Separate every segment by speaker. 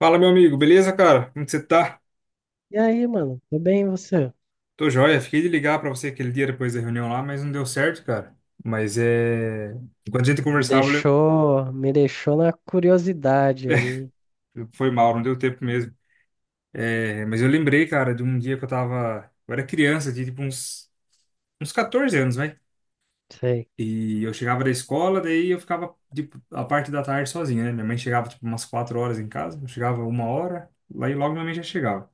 Speaker 1: Fala, meu amigo, beleza, cara? Como que você tá?
Speaker 2: E aí, mano? Tudo bem, e você?
Speaker 1: Tô joia. Fiquei de ligar pra você aquele dia depois da reunião lá, mas não deu certo, cara. Mas é. Enquanto a gente
Speaker 2: Me
Speaker 1: conversava, eu.
Speaker 2: deixou, me deixou na curiosidade aí.
Speaker 1: Foi mal, não deu tempo mesmo. Mas eu lembrei, cara, de um dia que eu tava. Eu era criança, tinha tipo uns 14 anos, vai.
Speaker 2: Sei.
Speaker 1: E eu chegava da escola, daí eu ficava, tipo, a parte da tarde sozinho, né? Minha mãe chegava, tipo, umas 4 horas em casa, eu chegava 1 hora, lá e logo minha mãe já chegava.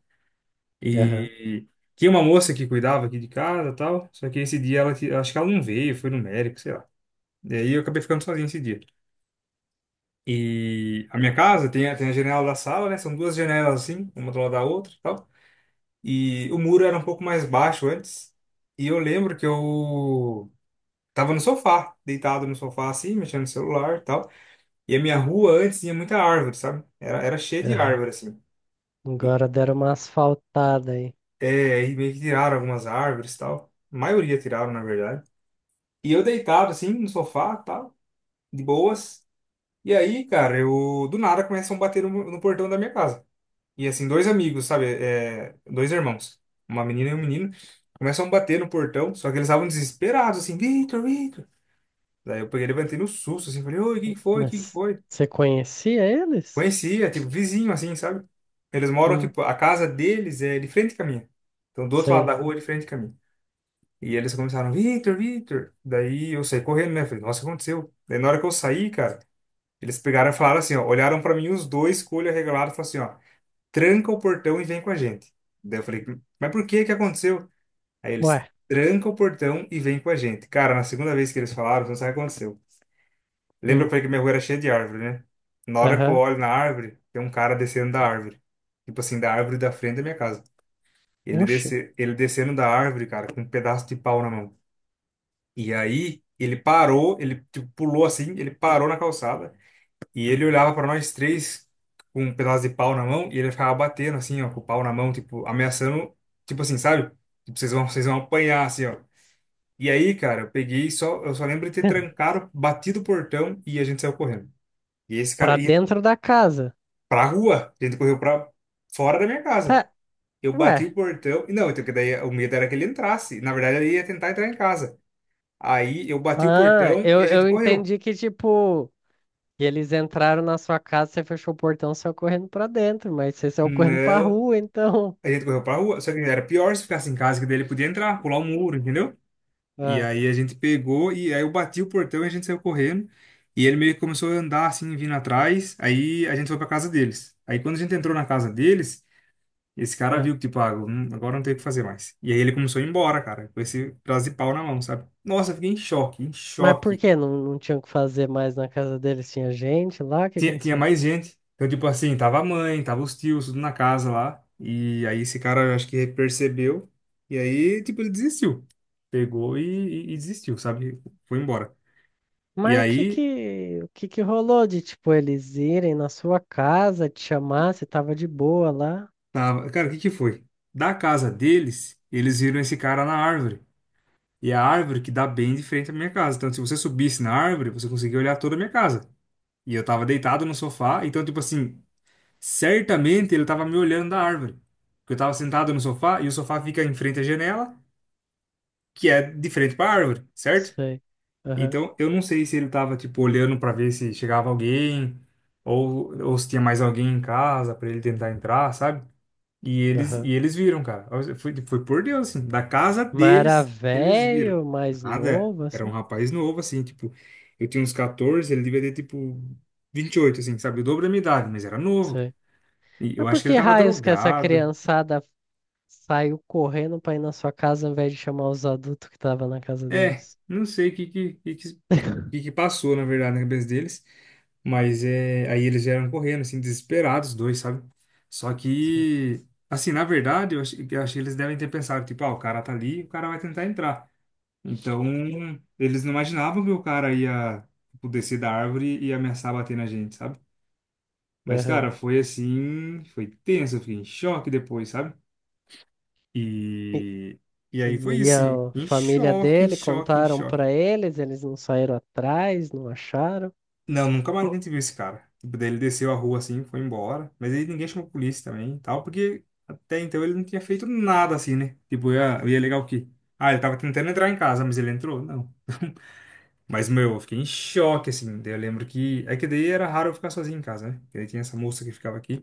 Speaker 2: Aham,
Speaker 1: E tinha uma moça que cuidava aqui de casa e tal. Só que esse dia ela, acho que ela não veio, foi no médico, sei lá. Daí eu acabei ficando sozinho esse dia. E a minha casa tem, tem a janela da sala, né? São duas janelas assim, uma do lado da outra e tal. E o muro era um pouco mais baixo antes. E eu lembro que eu tava no sofá, deitado no sofá assim, mexendo no celular e tal. E a minha rua antes tinha muita árvore, sabe? Era cheia de
Speaker 2: aham.
Speaker 1: árvore assim. E,
Speaker 2: Agora deram uma asfaltada aí.
Speaker 1: e meio que tiraram algumas árvores e tal. A maioria tiraram, na verdade. E eu deitado, assim, no sofá, tal, de boas. E aí, cara, eu do nada começam a bater no portão da minha casa. E assim, dois amigos, sabe? É, dois irmãos, uma menina e um menino, começam a bater no portão, só que eles estavam desesperados, assim, Victor, Victor. Daí eu peguei, levantei no susto, assim, falei, oi, o que que foi? O que que
Speaker 2: Mas
Speaker 1: foi?
Speaker 2: você conhecia eles?
Speaker 1: Conhecia, tipo, vizinho, assim, sabe? Eles moram,
Speaker 2: Hum,
Speaker 1: tipo, a casa deles é de frente com a minha. Então, do outro lado da
Speaker 2: sei.
Speaker 1: rua, é de frente com a minha. E eles começaram, Victor, Victor. Daí eu saí correndo, né? Falei, nossa, o que aconteceu? Daí na hora que eu saí, cara. Eles pegaram e falaram assim, ó, olharam pra mim os dois com o olho arregalado e falaram assim, ó, tranca o portão e vem com a gente. Daí eu falei, mas por que que aconteceu? Aí
Speaker 2: Ué,
Speaker 1: eles tranca o portão e vem com a gente. Cara, na segunda vez que eles falaram, você não sabe o que aconteceu. Lembra que eu
Speaker 2: hum,
Speaker 1: falei que minha rua era cheia de árvore, né? Na hora que eu
Speaker 2: aham.
Speaker 1: olho na árvore, tem um cara descendo da árvore. Tipo assim, da árvore da frente da minha casa. Ele
Speaker 2: Oxi.
Speaker 1: desce, ele descendo da árvore, cara, com um pedaço de pau na mão. E aí, ele parou, ele tipo, pulou assim, ele parou na calçada. E ele olhava pra nós três com um pedaço de pau na mão e ele ficava batendo assim, ó, com o pau na mão, tipo, ameaçando, tipo assim, sabe? Tipo, vocês vão apanhar, assim, ó. E aí, cara, eu peguei só, eu só lembro de ter trancado, batido o portão e a gente saiu correndo. E esse cara,
Speaker 2: Pra
Speaker 1: e
Speaker 2: dentro da casa.
Speaker 1: pra rua, a gente correu pra fora da minha
Speaker 2: Pé,
Speaker 1: casa. Eu
Speaker 2: ué.
Speaker 1: bati o portão, e não, então que daí o medo era que ele entrasse. Na verdade, ele ia tentar entrar em casa. Aí eu bati o
Speaker 2: Ah,
Speaker 1: portão e
Speaker 2: eu,
Speaker 1: a gente
Speaker 2: eu
Speaker 1: correu.
Speaker 2: entendi que, tipo, que eles entraram na sua casa, você fechou o portão, saiu correndo pra dentro, mas você saiu correndo pra
Speaker 1: Não.
Speaker 2: rua, então.
Speaker 1: A gente correu pra rua, só que era pior se ficasse em casa, que daí ele podia entrar, pular o muro, entendeu? E
Speaker 2: Ah,
Speaker 1: aí a gente pegou, e aí eu bati o portão e a gente saiu correndo. E ele meio que começou a andar assim, vindo atrás. Aí a gente foi pra casa deles. Aí quando a gente entrou na casa deles, esse cara
Speaker 2: ah.
Speaker 1: viu que, tipo, ah, agora não tem o que fazer mais. E aí ele começou a ir embora, cara, com esse pedaço de pau na mão, sabe? Nossa, eu fiquei em choque, em
Speaker 2: Mas por
Speaker 1: choque.
Speaker 2: que não tinham que fazer mais na casa deles? Tinha gente lá? O que
Speaker 1: Tinha
Speaker 2: aconteceu?
Speaker 1: mais gente. Então, tipo assim, tava a mãe, tava os tios, tudo na casa lá. E aí esse cara, eu acho que percebeu. E aí, tipo, ele desistiu. Pegou e desistiu, sabe? Foi embora. E
Speaker 2: Mas o que
Speaker 1: aí,
Speaker 2: que, o que que rolou de, tipo, eles irem na sua casa, te chamar, você tava de boa lá?
Speaker 1: tava. Cara, o que que foi? Da casa deles, eles viram esse cara na árvore. E a árvore que dá bem de frente à minha casa. Então, se você subisse na árvore, você conseguia olhar toda a minha casa. E eu tava deitado no sofá. Então, tipo assim, certamente ele tava me olhando da árvore. Porque eu tava sentado no sofá e o sofá fica em frente à janela, que é de frente para a árvore, certo?
Speaker 2: Sei. Aham,
Speaker 1: Então, eu não sei se ele tava, tipo, olhando para ver se chegava alguém ou se tinha mais alguém em casa para ele tentar entrar, sabe? E eles, e
Speaker 2: aham.
Speaker 1: eles viram, cara. Foi, foi por Deus, assim. Da casa
Speaker 2: Mas era
Speaker 1: deles, eles viram.
Speaker 2: velho, mais
Speaker 1: Nada.
Speaker 2: novo,
Speaker 1: Era um
Speaker 2: assim?
Speaker 1: rapaz novo, assim, tipo. Eu tinha uns 14, ele devia ter, tipo, 28, assim, sabe? O dobro da minha idade, mas era novo.
Speaker 2: Sei.
Speaker 1: E eu
Speaker 2: Mas por
Speaker 1: acho que ele
Speaker 2: que
Speaker 1: tava
Speaker 2: raios que essa
Speaker 1: drogado.
Speaker 2: criançada saiu correndo pra ir na sua casa ao invés de chamar os adultos que tava na casa
Speaker 1: É,
Speaker 2: deles?
Speaker 1: não sei o que que passou, na verdade, na cabeça deles. Mas é, aí eles vieram correndo, assim, desesperados, os dois, sabe? Só
Speaker 2: Sei.
Speaker 1: que, assim, na verdade, eu achei que eles devem ter pensado, tipo, ah, o cara tá ali, o cara vai tentar entrar. Então, eles não imaginavam que o cara ia, tipo, descer da árvore e ameaçar bater na gente, sabe? Mas, cara,
Speaker 2: Aham.
Speaker 1: foi assim, foi tenso, eu fiquei em choque depois, sabe?
Speaker 2: E
Speaker 1: E, e aí foi
Speaker 2: E
Speaker 1: isso, sim
Speaker 2: a
Speaker 1: em
Speaker 2: família
Speaker 1: choque, em
Speaker 2: dele
Speaker 1: choque, em
Speaker 2: contaram
Speaker 1: choque.
Speaker 2: pra eles, eles não saíram atrás, não acharam.
Speaker 1: Não, nunca mais a Pô, gente viu esse cara. Tipo, daí ele desceu a rua assim, foi embora. Mas aí ninguém chamou a polícia também e tal, porque até então ele não tinha feito nada assim, né? Tipo, ia legal o quê? Ah, ele tava tentando entrar em casa, mas ele entrou? Não. Mas, meu, eu fiquei em choque, assim. Daí eu lembro que. É que daí era raro eu ficar sozinho em casa, né? Porque daí tinha essa moça que ficava aqui.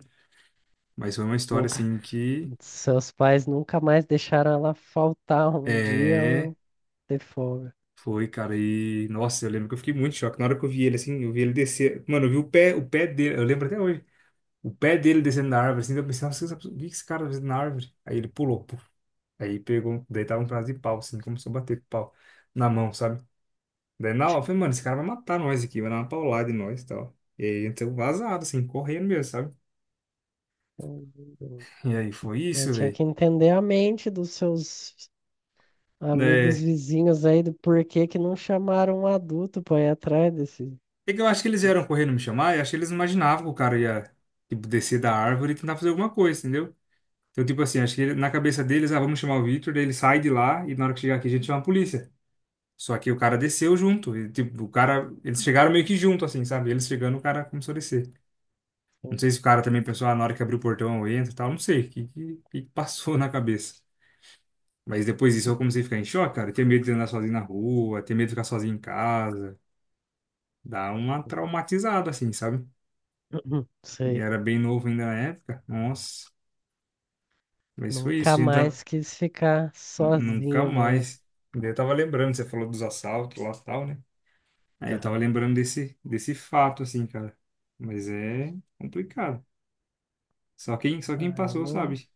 Speaker 1: Mas foi uma história,
Speaker 2: Nunca,
Speaker 1: assim, que.
Speaker 2: seus pais nunca mais deixaram ela faltar um dia
Speaker 1: É.
Speaker 2: ou ter folga.
Speaker 1: Foi, cara. E. Nossa, eu lembro que eu fiquei muito em choque. Na hora que eu vi ele, assim, eu vi ele descer. Mano, eu vi o pé dele. Eu lembro até hoje. O pé dele descendo na árvore, assim, eu pensei, nossa, o que que esse cara tá fazendo na árvore? Aí ele pulou, puf. Aí pegou, daí tava um pedaço de pau, assim, começou a bater com o pau na mão, sabe? Daí na hora eu falei, mano, esse cara vai matar nós aqui, vai dar uma paulada em nós e tal. E aí então vazado, assim, correndo mesmo, sabe? E aí foi
Speaker 2: Mas
Speaker 1: isso,
Speaker 2: tinha
Speaker 1: velho.
Speaker 2: que entender a mente dos seus amigos
Speaker 1: É,
Speaker 2: vizinhos aí do porquê que não chamaram um adulto pra ir atrás desse.
Speaker 1: é que eu acho que eles vieram correndo me chamar, e acho que eles não imaginavam que o cara ia, tipo, descer da árvore e tentar fazer alguma coisa, entendeu? Então, tipo assim, acho que na cabeça deles, ah, vamos chamar o Victor, daí ele sai de lá e na hora que chegar aqui a gente chama a polícia. Só que o cara desceu junto. E, tipo, o cara. Eles chegaram meio que junto, assim, sabe? Eles chegando, o cara começou a descer. Não sei se o cara também pensou, ah, na hora que abriu o portão eu entro e tal. Não sei. O que passou na cabeça? Mas depois disso eu comecei a ficar em choque, cara. Ter medo de andar sozinho na rua, ter medo de ficar sozinho em casa. Dá uma traumatizada, assim, sabe? E
Speaker 2: Sei.
Speaker 1: era bem novo ainda na época. Nossa. Mas foi
Speaker 2: Nunca
Speaker 1: isso. A gente tá.
Speaker 2: mais quis ficar
Speaker 1: Nunca
Speaker 2: sozinho daí.
Speaker 1: mais. Daí eu tava lembrando, você falou dos assaltos lá e tal, né? Aí eu tava
Speaker 2: Aham.
Speaker 1: lembrando desse fato, assim, cara. Mas é complicado. Só quem
Speaker 2: Ah, eu
Speaker 1: passou
Speaker 2: não.
Speaker 1: sabe.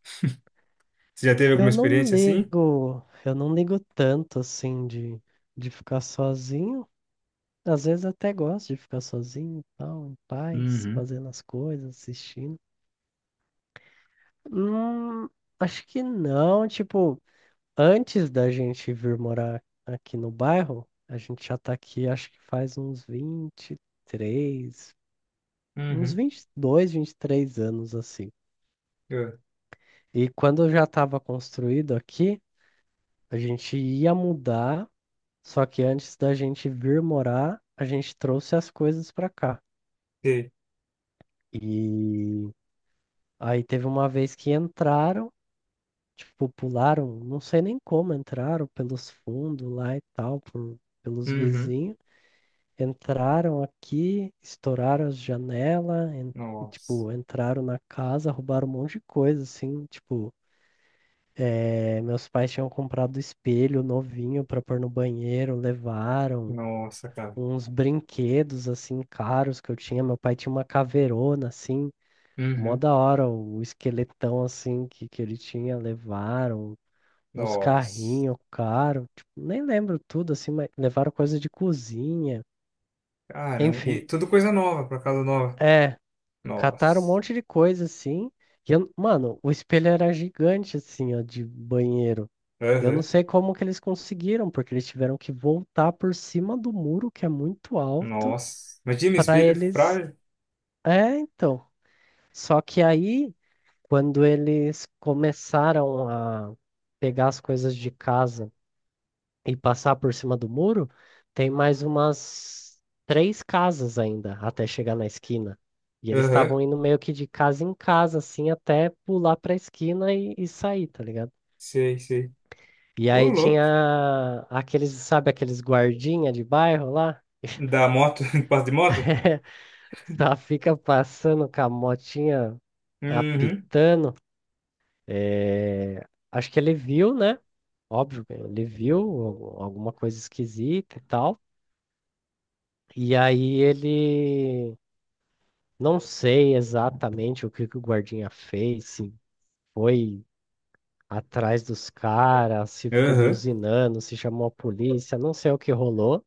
Speaker 1: Você já teve alguma
Speaker 2: Eu não
Speaker 1: experiência assim?
Speaker 2: ligo, eu não ligo tanto assim de ficar sozinho. Às vezes até gosto de ficar sozinho e tal, em paz,
Speaker 1: Uhum.
Speaker 2: fazendo as coisas, assistindo. Hum, Acho que não, tipo, antes da gente vir morar aqui no bairro, a gente já tá aqui, acho que faz uns vinte, e três, uns
Speaker 1: Uhum.
Speaker 2: vinte, vinte dois, 23 anos assim.
Speaker 1: Eu
Speaker 2: E quando já estava construído aqui, a gente ia mudar. Só que antes da gente vir morar, a gente trouxe as coisas pra cá.
Speaker 1: sei.
Speaker 2: E aí teve uma vez que entraram, tipo, pularam, não sei nem como entraram, pelos fundos lá e tal, pelos
Speaker 1: Uhum.
Speaker 2: vizinhos. Entraram aqui, estouraram as janelas,
Speaker 1: Nossa.
Speaker 2: tipo, entraram na casa, roubaram um monte de coisa, assim, tipo, meus pais tinham comprado espelho novinho pra pôr no banheiro, levaram
Speaker 1: Nossa, cara.
Speaker 2: uns brinquedos assim caros que eu tinha. Meu pai tinha uma caveirona assim, mó
Speaker 1: Uhum.
Speaker 2: da hora, o esqueletão assim que ele tinha, levaram uns
Speaker 1: Nossa.
Speaker 2: carrinhos caros, tipo, nem lembro tudo assim, mas levaram coisa de cozinha,
Speaker 1: Caramba.
Speaker 2: enfim.
Speaker 1: E tudo coisa nova, pra casa nova.
Speaker 2: É, cataram um
Speaker 1: Nossa.
Speaker 2: monte de coisa assim. E mano, o espelho era gigante assim, ó, de banheiro. Eu não
Speaker 1: Aham.
Speaker 2: sei como que eles conseguiram, porque eles tiveram que voltar por cima do muro, que é muito alto,
Speaker 1: Nossa. Imagina
Speaker 2: para
Speaker 1: espelho
Speaker 2: eles
Speaker 1: frágil.
Speaker 2: é, então, só que aí, quando eles começaram a pegar as coisas de casa e passar por cima do muro, tem mais umas três casas ainda até chegar na esquina. E eles
Speaker 1: Aham.
Speaker 2: estavam indo meio que de casa em casa, assim, até pular pra esquina e sair, tá ligado?
Speaker 1: Sei, sei.
Speaker 2: E
Speaker 1: Ô,
Speaker 2: aí
Speaker 1: louco.
Speaker 2: tinha aqueles, sabe, aqueles guardinha de bairro lá?
Speaker 1: Da moto, passa de moto?
Speaker 2: Tá, fica passando com a motinha
Speaker 1: Uhum.
Speaker 2: apitando. É, acho que ele viu, né? Óbvio, ele viu alguma coisa esquisita e tal. E aí ele não sei exatamente o que que o guardinha fez, se foi atrás dos caras, se ficou
Speaker 1: Aham.
Speaker 2: buzinando, se chamou a polícia, não sei o que rolou,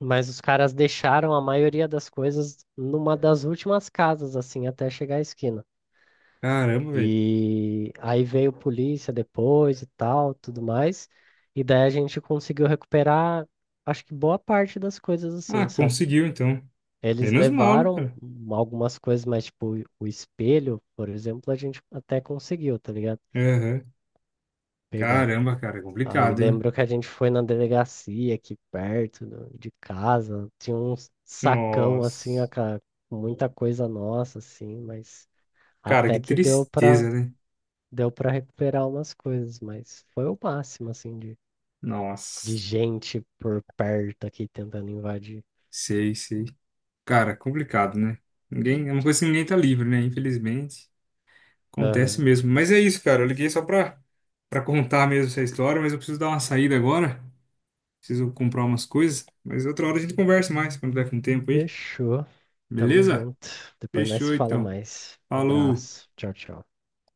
Speaker 2: mas os caras deixaram a maioria das coisas numa das últimas casas, assim, até chegar à esquina.
Speaker 1: Caramba, velho.
Speaker 2: E aí veio polícia depois e tal, tudo mais. E daí a gente conseguiu recuperar, acho que boa parte das coisas
Speaker 1: Ah,
Speaker 2: assim, sabe?
Speaker 1: conseguiu então.
Speaker 2: Eles
Speaker 1: Menos mal, né,
Speaker 2: levaram
Speaker 1: cara?
Speaker 2: algumas coisas, mas tipo, o espelho, por exemplo, a gente até conseguiu, tá ligado?
Speaker 1: Aham.
Speaker 2: Pegar.
Speaker 1: Caramba, cara, é
Speaker 2: Aí
Speaker 1: complicado, hein?
Speaker 2: lembro que a gente foi na delegacia aqui perto de casa, tinha um sacão assim, ó,
Speaker 1: Nossa.
Speaker 2: com muita coisa nossa, assim, mas
Speaker 1: Cara,
Speaker 2: até
Speaker 1: que
Speaker 2: que deu
Speaker 1: tristeza, né?
Speaker 2: Deu para recuperar umas coisas, mas foi o máximo, assim, de
Speaker 1: Nossa.
Speaker 2: gente por perto aqui tentando invadir.
Speaker 1: Sei, sei. Cara, complicado, né? Ninguém, é uma coisa que ninguém tá livre, né? Infelizmente. Acontece
Speaker 2: Aham.
Speaker 1: mesmo. Mas é isso, cara. Eu liguei só pra contar mesmo essa história, mas eu preciso dar uma saída agora. Preciso comprar umas coisas. Mas outra hora a gente conversa mais, quando tiver com tempo aí.
Speaker 2: Fechou. Tamo
Speaker 1: Beleza?
Speaker 2: junto. Depois nós se
Speaker 1: Fechou,
Speaker 2: fala
Speaker 1: então.
Speaker 2: mais.
Speaker 1: Falou.
Speaker 2: Abraço. Tchau, tchau.